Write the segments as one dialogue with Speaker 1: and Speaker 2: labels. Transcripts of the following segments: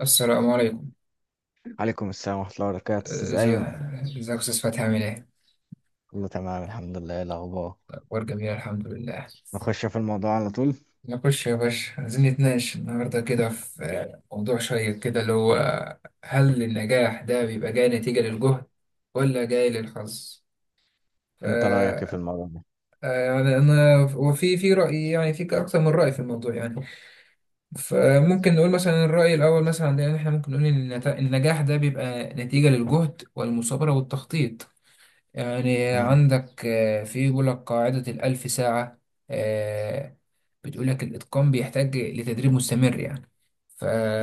Speaker 1: السلام عليكم.
Speaker 2: عليكم السلام ورحمة الله وبركاته أستاذ
Speaker 1: ازاي؟
Speaker 2: أيمن.
Speaker 1: ازيك يا استاذ فتحي، عامل ايه؟
Speaker 2: كله تمام، الحمد لله. إيه الأخبار؟
Speaker 1: اخبار جميله، الحمد لله.
Speaker 2: نخش في الموضوع على طول.
Speaker 1: نخش يا باشا، عايزين نتناقش النهارده كده في موضوع شيق كده اللي هو هل النجاح ده بيبقى جاي نتيجه للجهد ولا جاي للحظ؟ ف
Speaker 2: أنت رأيك إيه في
Speaker 1: آه،
Speaker 2: الموضوع ده؟
Speaker 1: يعني انا وفي راي، يعني في اكثر من راي في الموضوع يعني. فممكن نقول مثلا الراي الاول مثلا، عندنا احنا ممكن نقول ان النجاح ده بيبقى نتيجه للجهد والمثابره والتخطيط. يعني
Speaker 2: مم.
Speaker 1: عندك، في يقول لك قاعدة الألف ساعة. آه، بتقول لك الإتقان بيحتاج لتدريب مستمر يعني.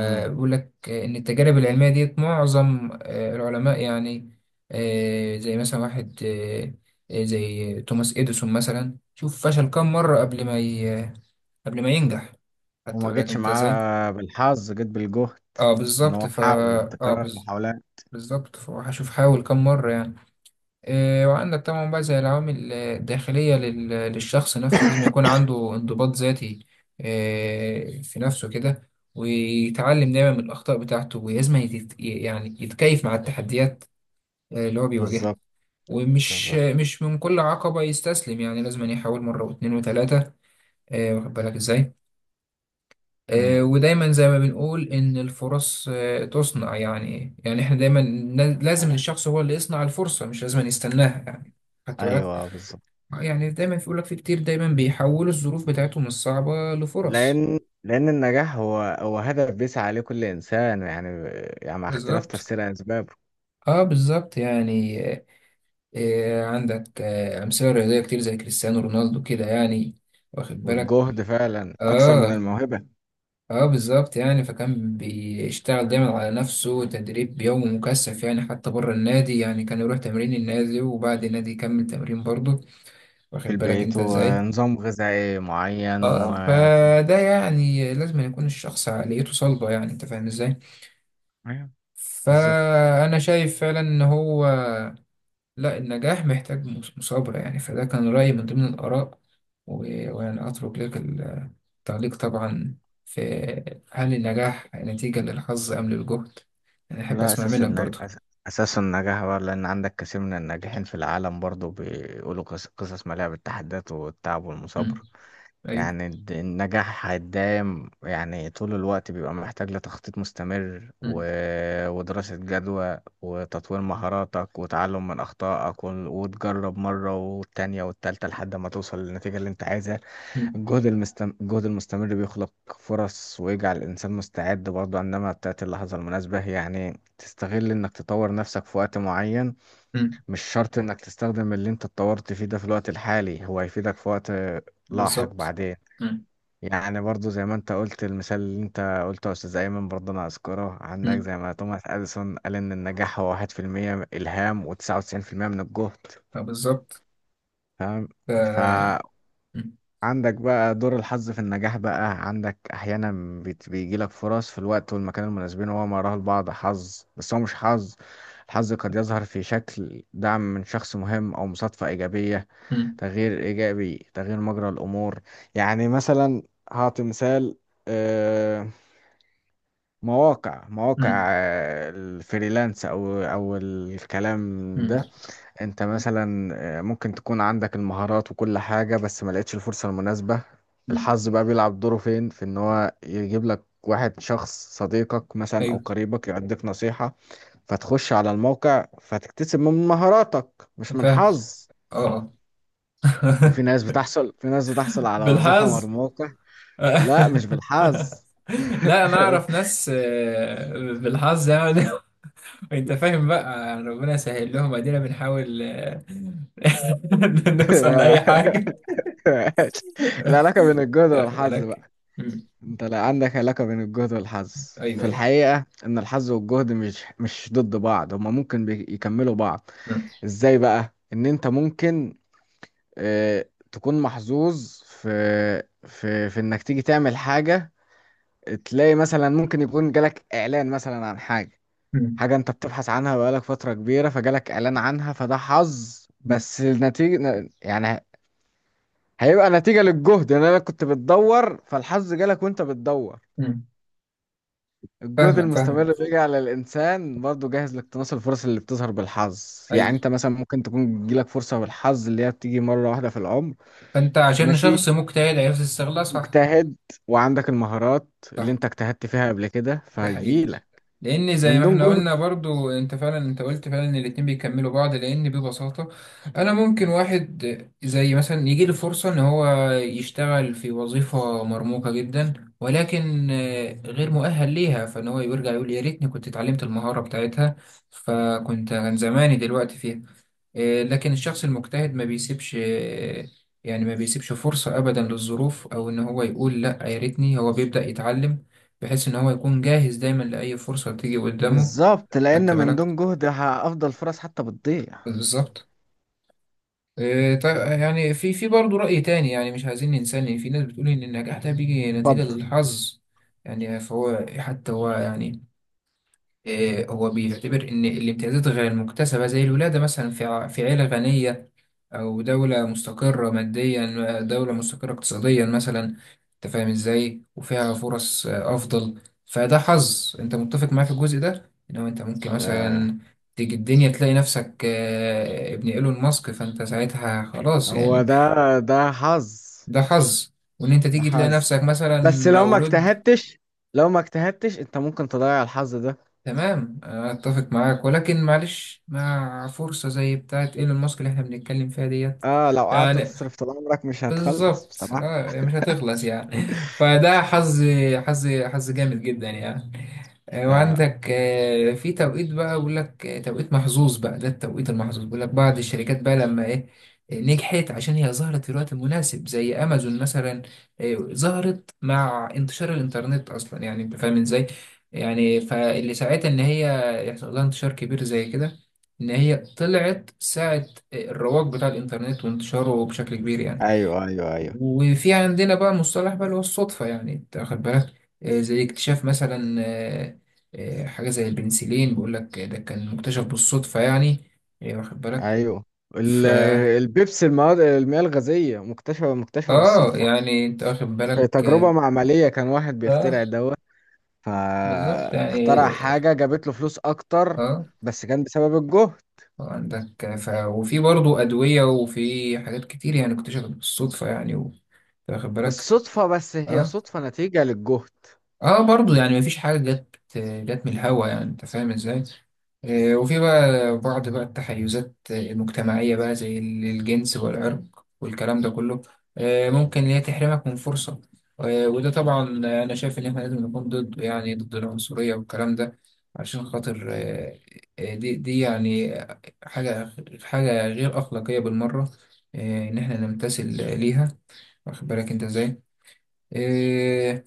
Speaker 2: مم.
Speaker 1: لك إن التجارب العلمية ديت معظم العلماء يعني. زي مثلا واحد، زي توماس إديسون مثلا، شوف فشل كام مرة قبل ما ينجح. خدت
Speaker 2: وما
Speaker 1: بالك
Speaker 2: جيتش
Speaker 1: أنت إزاي؟
Speaker 2: معاه بالحظ، جيت بالجهد.
Speaker 1: أه،
Speaker 2: إن
Speaker 1: بالظبط
Speaker 2: هو حاول
Speaker 1: أه،
Speaker 2: تكرار المحاولات.
Speaker 1: بالظبط، فهشوف حاول كام مرة يعني. إيه، وعندك طبعا بقى زي العوامل الداخلية للشخص نفسه، لازم يكون عنده انضباط ذاتي. إيه، في نفسه كده ويتعلم دايما من الأخطاء بتاعته، ولازم يعني يتكيف مع التحديات اللي هو بيواجهها.
Speaker 2: بالظبط.
Speaker 1: ومش
Speaker 2: بالظبط.
Speaker 1: مش من كل عقبة يستسلم، يعني لازم يحاول مرة واتنين وتلاتة. واخد بالك ازاي؟
Speaker 2: مم.
Speaker 1: ودايما زي ما بنقول إن الفرص تصنع، يعني احنا دايما لازم الشخص هو اللي يصنع الفرصة، مش لازم يستناها يعني. خدت بالك؟
Speaker 2: أيوه، بالظبط.
Speaker 1: يعني دايما بيقول لك في كتير دايما بيحولوا الظروف بتاعتهم الصعبة لفرص.
Speaker 2: لأن النجاح هو هدف بيسعى عليه كل إنسان، يعني مع اختلاف
Speaker 1: بالظبط،
Speaker 2: تفسير أسبابه.
Speaker 1: اه بالظبط يعني. عندك أمثلة رياضية كتير زي كريستيانو رونالدو كده يعني. واخد بالك؟
Speaker 2: والجهد فعلا أكثر من
Speaker 1: اه
Speaker 2: الموهبة.
Speaker 1: اه بالظبط يعني، فكان بيشتغل دايما على نفسه، تدريب يومي مكثف يعني، حتى بره النادي يعني كان يروح تمرين النادي وبعد النادي يكمل تمرين برضه.
Speaker 2: في
Speaker 1: واخد بالك
Speaker 2: البيت،
Speaker 1: انت ازاي؟
Speaker 2: ونظام غذائي معين و
Speaker 1: اه، فده يعني لازم يكون الشخص عقليته صلبة، يعني انت فاهم ازاي؟
Speaker 2: أيوه بالظبط.
Speaker 1: فأنا شايف فعلا إن هو، لا، النجاح محتاج مثابرة يعني، فده كان رأيي من ضمن الآراء. ويعني أترك لك التعليق طبعا في: هل النجاح نتيجة للحظ أم للجهد؟ أنا أحب
Speaker 2: لا،
Speaker 1: أسمع منك برضه.
Speaker 2: أساس النجاح بقى، لأن عندك كثير من الناجحين في العالم برضو بيقولوا قصص مليئة بالتحديات والتعب
Speaker 1: مم.
Speaker 2: والمثابرة.
Speaker 1: أيوه.
Speaker 2: يعني النجاح هيدايم، يعني طول الوقت بيبقى محتاج لتخطيط مستمر، و...
Speaker 1: مم.
Speaker 2: ودراسة جدوى، وتطوير مهاراتك، وتعلم من أخطائك، وتجرب مرة والتانية والتالتة لحد ما توصل للنتيجة اللي أنت عايزها.
Speaker 1: مم.
Speaker 2: الجهد المستمر بيخلق فرص، ويجعل الإنسان مستعد برضه إنما بتاعت اللحظة المناسبة، يعني تستغل إنك تطور نفسك في وقت معين.
Speaker 1: مم.
Speaker 2: مش شرط إنك تستخدم اللي أنت اتطورت فيه ده في الوقت الحالي، هو هيفيدك في وقت لاحق
Speaker 1: بالظبط.
Speaker 2: بعدين.
Speaker 1: مم.
Speaker 2: يعني برضه زي ما أنت قلت، المثال اللي أنت قلته يا أستاذ أيمن، برضه أنا أذكره عندك
Speaker 1: مم.
Speaker 2: زي ما توماس أديسون قال: إن النجاح هو 1% إلهام، و99% من الجهد.
Speaker 1: آه، بالظبط. ف...
Speaker 2: فاهم.
Speaker 1: مم.
Speaker 2: عندك بقى دور الحظ في النجاح، بقى عندك احيانا بيجيلك فرص في الوقت والمكان المناسبين، وهو ما يراه البعض حظ، بس هو مش حظ. الحظ قد يظهر في شكل دعم من شخص مهم، او مصادفة ايجابية،
Speaker 1: مم.
Speaker 2: تغيير ايجابي، تغيير مجرى الامور. يعني مثلا، هعطي مثال. آه، مواقع
Speaker 1: مم.
Speaker 2: الفريلانس او الكلام ده. انت مثلا، ممكن تكون عندك المهارات وكل حاجة، بس ما لقيتش الفرصة المناسبة. الحظ
Speaker 1: مم.
Speaker 2: بقى بيلعب دوره فين؟ في ان هو يجيب لك واحد شخص، صديقك مثلا او
Speaker 1: أيوه.
Speaker 2: قريبك، يعطيك نصيحة، فتخش على الموقع، فتكتسب من مهاراتك، مش من
Speaker 1: فاهم.
Speaker 2: حظ.
Speaker 1: أه. آه.
Speaker 2: وفي ناس بتحصل في ناس بتحصل على وظيفة من
Speaker 1: بالحظ.
Speaker 2: الموقع. لا، مش بالحظ.
Speaker 1: لا، انا اعرف ناس بالحظ يعني. انت فاهم، بقى ربنا يسهل لهم، ادينا بنحاول نوصل لاي حاجه.
Speaker 2: العلاقة بين الجهد
Speaker 1: واخد
Speaker 2: والحظ.
Speaker 1: بالك. مم.
Speaker 2: انت لا، عندك علاقة بين الجهد والحظ.
Speaker 1: ايوه،
Speaker 2: في
Speaker 1: ايوه.
Speaker 2: الحقيقة ان الحظ والجهد مش ضد بعض، هما ممكن يكملوا بعض.
Speaker 1: مم.
Speaker 2: ازاي بقى؟ ان انت ممكن اه تكون محظوظ في، في انك تيجي تعمل حاجة. تلاقي مثلا ممكن يكون جالك اعلان مثلا عن حاجة،
Speaker 1: مم.
Speaker 2: حاجة انت بتبحث عنها بقالك فترة كبيرة، فجالك اعلان عنها، فده حظ، بس النتيجة يعني هيبقى نتيجة للجهد، ان انا كنت بتدور، فالحظ جالك وانت بتدور.
Speaker 1: مم.
Speaker 2: الجهد
Speaker 1: فاهمك
Speaker 2: المستمر
Speaker 1: فاهمك.
Speaker 2: بيجي على الإنسان برضه جاهز لاقتناص الفرص اللي بتظهر بالحظ،
Speaker 1: ايوه.
Speaker 2: يعني أنت مثلا ممكن تكون تجيلك فرصة بالحظ اللي هي بتيجي مرة واحدة في العمر.
Speaker 1: فانت عشان
Speaker 2: ماشي،
Speaker 1: شخص مجتهد عرفت تستغلها، صح.
Speaker 2: مجتهد، وعندك المهارات اللي
Speaker 1: صح،
Speaker 2: أنت اجتهدت فيها قبل كده،
Speaker 1: ده حقيقي،
Speaker 2: فهيجيلك.
Speaker 1: لان زي
Speaker 2: من
Speaker 1: ما
Speaker 2: دون
Speaker 1: احنا قلنا
Speaker 2: جهد.
Speaker 1: برضو انت فعلا، انت قلت فعلا ان الاتنين بيكملوا بعض، لان ببساطة انا ممكن واحد زي مثلا يجي له فرصة ان هو يشتغل في وظيفة مرموقة جدا، ولكن غير مؤهل ليها، فان هو يرجع يقول يا ريتني كنت اتعلمت المهارة بتاعتها، فكنت كان زماني دلوقتي فيها. لكن الشخص المجتهد ما بيسيبش يعني ما بيسيبش فرصة أبدا للظروف، أو إن هو يقول لأ، يا ريتني، هو بيبدأ يتعلم بحيث إن هو يكون جاهز دايما لأي فرصة تيجي قدامه.
Speaker 2: بالظبط،
Speaker 1: خدت
Speaker 2: لأن من
Speaker 1: بالك.
Speaker 2: دون جهد أفضل فرص حتى بتضيع.
Speaker 1: بالظبط. إيه، طيب يعني في برضه رأي تاني، يعني مش عايزين ننسى إن في ناس بتقول إن النجاح ده بيجي نتيجة
Speaker 2: اتفضل.
Speaker 1: للحظ. يعني فهو حتى هو يعني، هو بيعتبر إن الامتيازات غير المكتسبة زي الولادة مثلا في في عيلة غنية، أو دولة مستقرة ماديا، دولة مستقرة اقتصاديا مثلا. أنت فاهم إزاي، وفيها فرص أفضل، فده حظ. أنت متفق معايا في الجزء ده إن هو أنت ممكن
Speaker 2: آه.
Speaker 1: مثلا تيجي الدنيا تلاقي نفسك ابن إيلون ماسك، فأنت ساعتها خلاص
Speaker 2: هو
Speaker 1: يعني.
Speaker 2: ده، ده حظ.
Speaker 1: ده حظ. وإن أنت
Speaker 2: ده
Speaker 1: تيجي تلاقي
Speaker 2: حظ.
Speaker 1: نفسك مثلا
Speaker 2: بس لو ما
Speaker 1: مولود.
Speaker 2: اجتهدتش، لو ما اجتهدتش أنت ممكن تضيع الحظ ده.
Speaker 1: تمام، اتفق معاك، ولكن معلش مع فرصة زي بتاعت ايلون ماسك اللي احنا بنتكلم فيها ديت
Speaker 2: اه، لو قعدت
Speaker 1: يعني،
Speaker 2: تصرف طول عمرك مش هتخلص
Speaker 1: بالظبط
Speaker 2: بصراحة.
Speaker 1: اه يعني مش هتخلص يعني. فده حظ، حظ حظ جامد جدا يعني.
Speaker 2: آه.
Speaker 1: وعندك في توقيت بقى، بيقول لك توقيت محظوظ بقى. ده التوقيت المحظوظ، بيقول لك بعض الشركات بقى لما ايه، نجحت عشان هي ظهرت في الوقت المناسب زي امازون مثلا. ظهرت مع انتشار الانترنت اصلا، يعني انت فاهم ازاي. يعني فاللي ساعتها ان هي يحصل لها انتشار كبير زي كده، ان هي طلعت ساعة الرواج بتاع الانترنت وانتشاره بشكل كبير يعني.
Speaker 2: ايوه، ايوه، ايوه،
Speaker 1: وفي عندنا بقى مصطلح بقى اللي هو الصدفة، يعني انت واخد بالك. زي اكتشاف مثلا حاجة زي البنسلين، بيقول لك ده كان مكتشف بالصدفة يعني. واخد بالك.
Speaker 2: ايوه،
Speaker 1: ف
Speaker 2: ال- البيبسي، المواد، المياه الغازية مكتشفة
Speaker 1: اه
Speaker 2: بالصدفة.
Speaker 1: يعني انت واخد
Speaker 2: في
Speaker 1: بالك، اه.
Speaker 2: تجربة معملية كان واحد
Speaker 1: آه،
Speaker 2: بيخترع دواء،
Speaker 1: بالظبط يعني،
Speaker 2: فاخترع حاجة جابت له فلوس أكتر،
Speaker 1: اه.
Speaker 2: بس كان بسبب الجهد.
Speaker 1: عندك وفي برضه أدوية وفي حاجات كتير يعني اكتشفت بالصدفة يعني واخد بالك.
Speaker 2: بالصدفة، بس هي
Speaker 1: اه،
Speaker 2: صدفة نتيجة للجهد.
Speaker 1: اه برضو يعني مفيش حاجة جت من الهوا، يعني انت فاهم ازاي. وفي بقى بعض بقى التحيزات المجتمعية بقى زي الجنس والعرق والكلام ده كله، ممكن إن
Speaker 2: مم.
Speaker 1: هي تحرمك من فرصة. وده طبعا أنا شايف إن إحنا لازم نكون ضده، يعني ضد العنصرية والكلام ده عشان خاطر،
Speaker 2: مم.
Speaker 1: دي يعني حاجة حاجة غير أخلاقية بالمرة، إن إحنا نمتثل ليها. واخد بالك أنت إزاي؟ آه،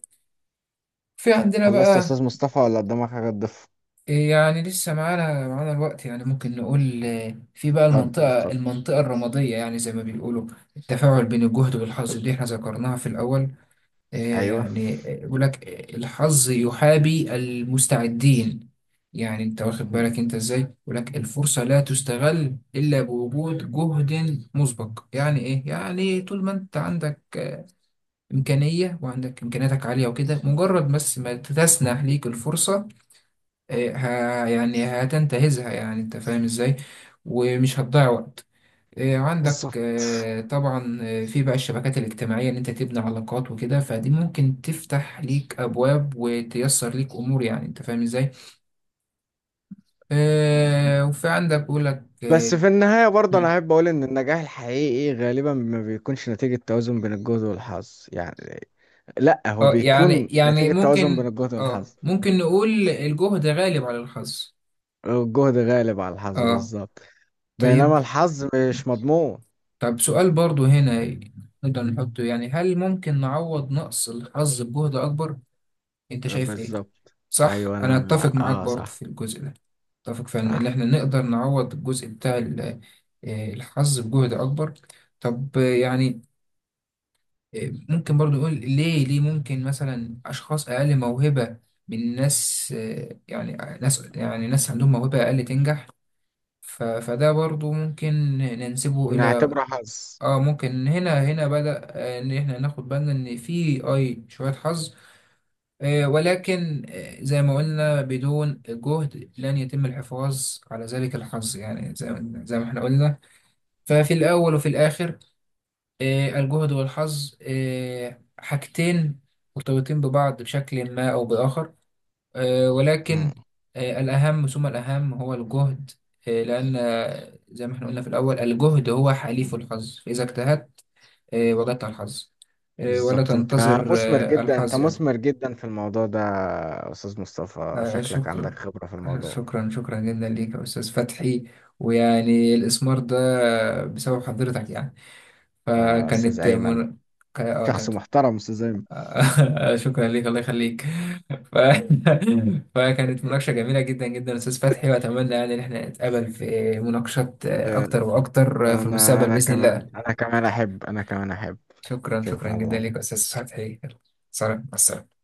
Speaker 1: في عندنا
Speaker 2: خلصت يا
Speaker 1: بقى
Speaker 2: أستاذ مصطفى، ولا قدامك حاجة تضيفها؟
Speaker 1: إيه يعني، لسه معانا الوقت يعني، ممكن نقول في بقى
Speaker 2: اتفضل،
Speaker 1: المنطقة
Speaker 2: اتفضل.
Speaker 1: المنطقة الرمادية يعني، زي ما بيقولوا التفاعل بين الجهد والحظ اللي احنا ذكرناها في الأول. آه،
Speaker 2: ايوه.
Speaker 1: يعني يقول لك الحظ يحابي المستعدين، يعني انت واخد
Speaker 2: مم.
Speaker 1: بالك انت ازاي. يقول لك الفرصة لا تستغل إلا بوجود جهد مسبق، يعني ايه، يعني طول ما انت عندك إمكانية وعندك إمكانياتك عالية وكده، مجرد بس ما تسنح ليك الفرصة، إيه، ها يعني هتنتهزها، يعني انت فاهم ازاي، ومش هتضيع وقت. إيه،
Speaker 2: بالظبط.
Speaker 1: عندك طبعا في بقى الشبكات الاجتماعية، ان انت تبني علاقات وكده، فدي ممكن تفتح ليك ابواب وتيسر ليك امور، يعني انت فاهم ازاي. وفي عندك بقول لك
Speaker 2: بس
Speaker 1: اه.
Speaker 2: في النهاية برضه أنا
Speaker 1: مم.
Speaker 2: أحب أقول: إن النجاح الحقيقي إيه؟ غالبا ما بيكونش نتيجة توازن بين الجهد والحظ، يعني لأ، هو
Speaker 1: يعني
Speaker 2: بيكون
Speaker 1: يعني
Speaker 2: نتيجة توازن بين الجهد والحظ.
Speaker 1: ممكن نقول الجهد غالب على الحظ.
Speaker 2: الجهد غالب على الحظ
Speaker 1: اه،
Speaker 2: بالظبط. بينما
Speaker 1: طيب.
Speaker 2: الحظ مش مضمون.
Speaker 1: طب سؤال برضو هنا نقدر نحطه يعني: هل ممكن نعوض نقص الحظ بجهد أكبر؟ أنت شايف إيه؟
Speaker 2: بالظبط.
Speaker 1: صح،
Speaker 2: أيوة،
Speaker 1: أنا
Speaker 2: أنا
Speaker 1: أتفق معاك برضو
Speaker 2: صح.
Speaker 1: في الجزء ده. أتفق فعلا إن
Speaker 2: صح.
Speaker 1: إحنا نقدر نعوض الجزء بتاع الحظ بجهد أكبر. طب يعني ممكن برضو نقول ليه ممكن مثلا أشخاص أقل موهبة من ناس، يعني ناس عندهم موهبة أقل تنجح. فده برضو ممكن ننسبه إلى،
Speaker 2: نعتبره حظ.
Speaker 1: اه ممكن هنا بدأ ان احنا ناخد بالنا ان في اي شوية حظ، ولكن زي ما قلنا بدون جهد لن يتم الحفاظ على ذلك الحظ، يعني زي ما احنا قلنا. ففي الاول وفي الاخر، الجهد والحظ حاجتين مرتبطين ببعض بشكل ما او باخر،
Speaker 2: مم.
Speaker 1: ولكن الاهم ثم الاهم هو الجهد، لان زي ما احنا قلنا في الاول الجهد هو حليف الحظ، فاذا اجتهدت إيه، وجدت على الحظ. إيه، ولا
Speaker 2: بالظبط، أنت
Speaker 1: تنتظر
Speaker 2: مثمر جدا، أنت
Speaker 1: الحظ يعني.
Speaker 2: مثمر جدا في الموضوع ده يا أستاذ مصطفى، شكلك
Speaker 1: شكرا.
Speaker 2: عندك خبرة في الموضوع.
Speaker 1: شكرا، شكرا جدا ليك يا أستاذ فتحي، ويعني الإسمار ده بسبب حضرتك يعني.
Speaker 2: أستاذ
Speaker 1: فكانت
Speaker 2: أيمن.
Speaker 1: من... ك- آه،
Speaker 2: شخص
Speaker 1: كانت
Speaker 2: محترم أستاذ أيمن.
Speaker 1: شكرا ليك، الله يخليك. ف... فكانت مناقشة جميلة جدا جدا يا أستاذ فتحي، وأتمنى يعني إن احنا نتقابل في مناقشات أكتر وأكتر في
Speaker 2: انا
Speaker 1: المستقبل
Speaker 2: انا
Speaker 1: بإذن
Speaker 2: كمان
Speaker 1: الله.
Speaker 2: انا كمان احب انا كمان احب.
Speaker 1: شكرا، شكرا جدا
Speaker 2: شكرا.
Speaker 1: ليك يا أستاذ فتحي. سلام، مع السلامة.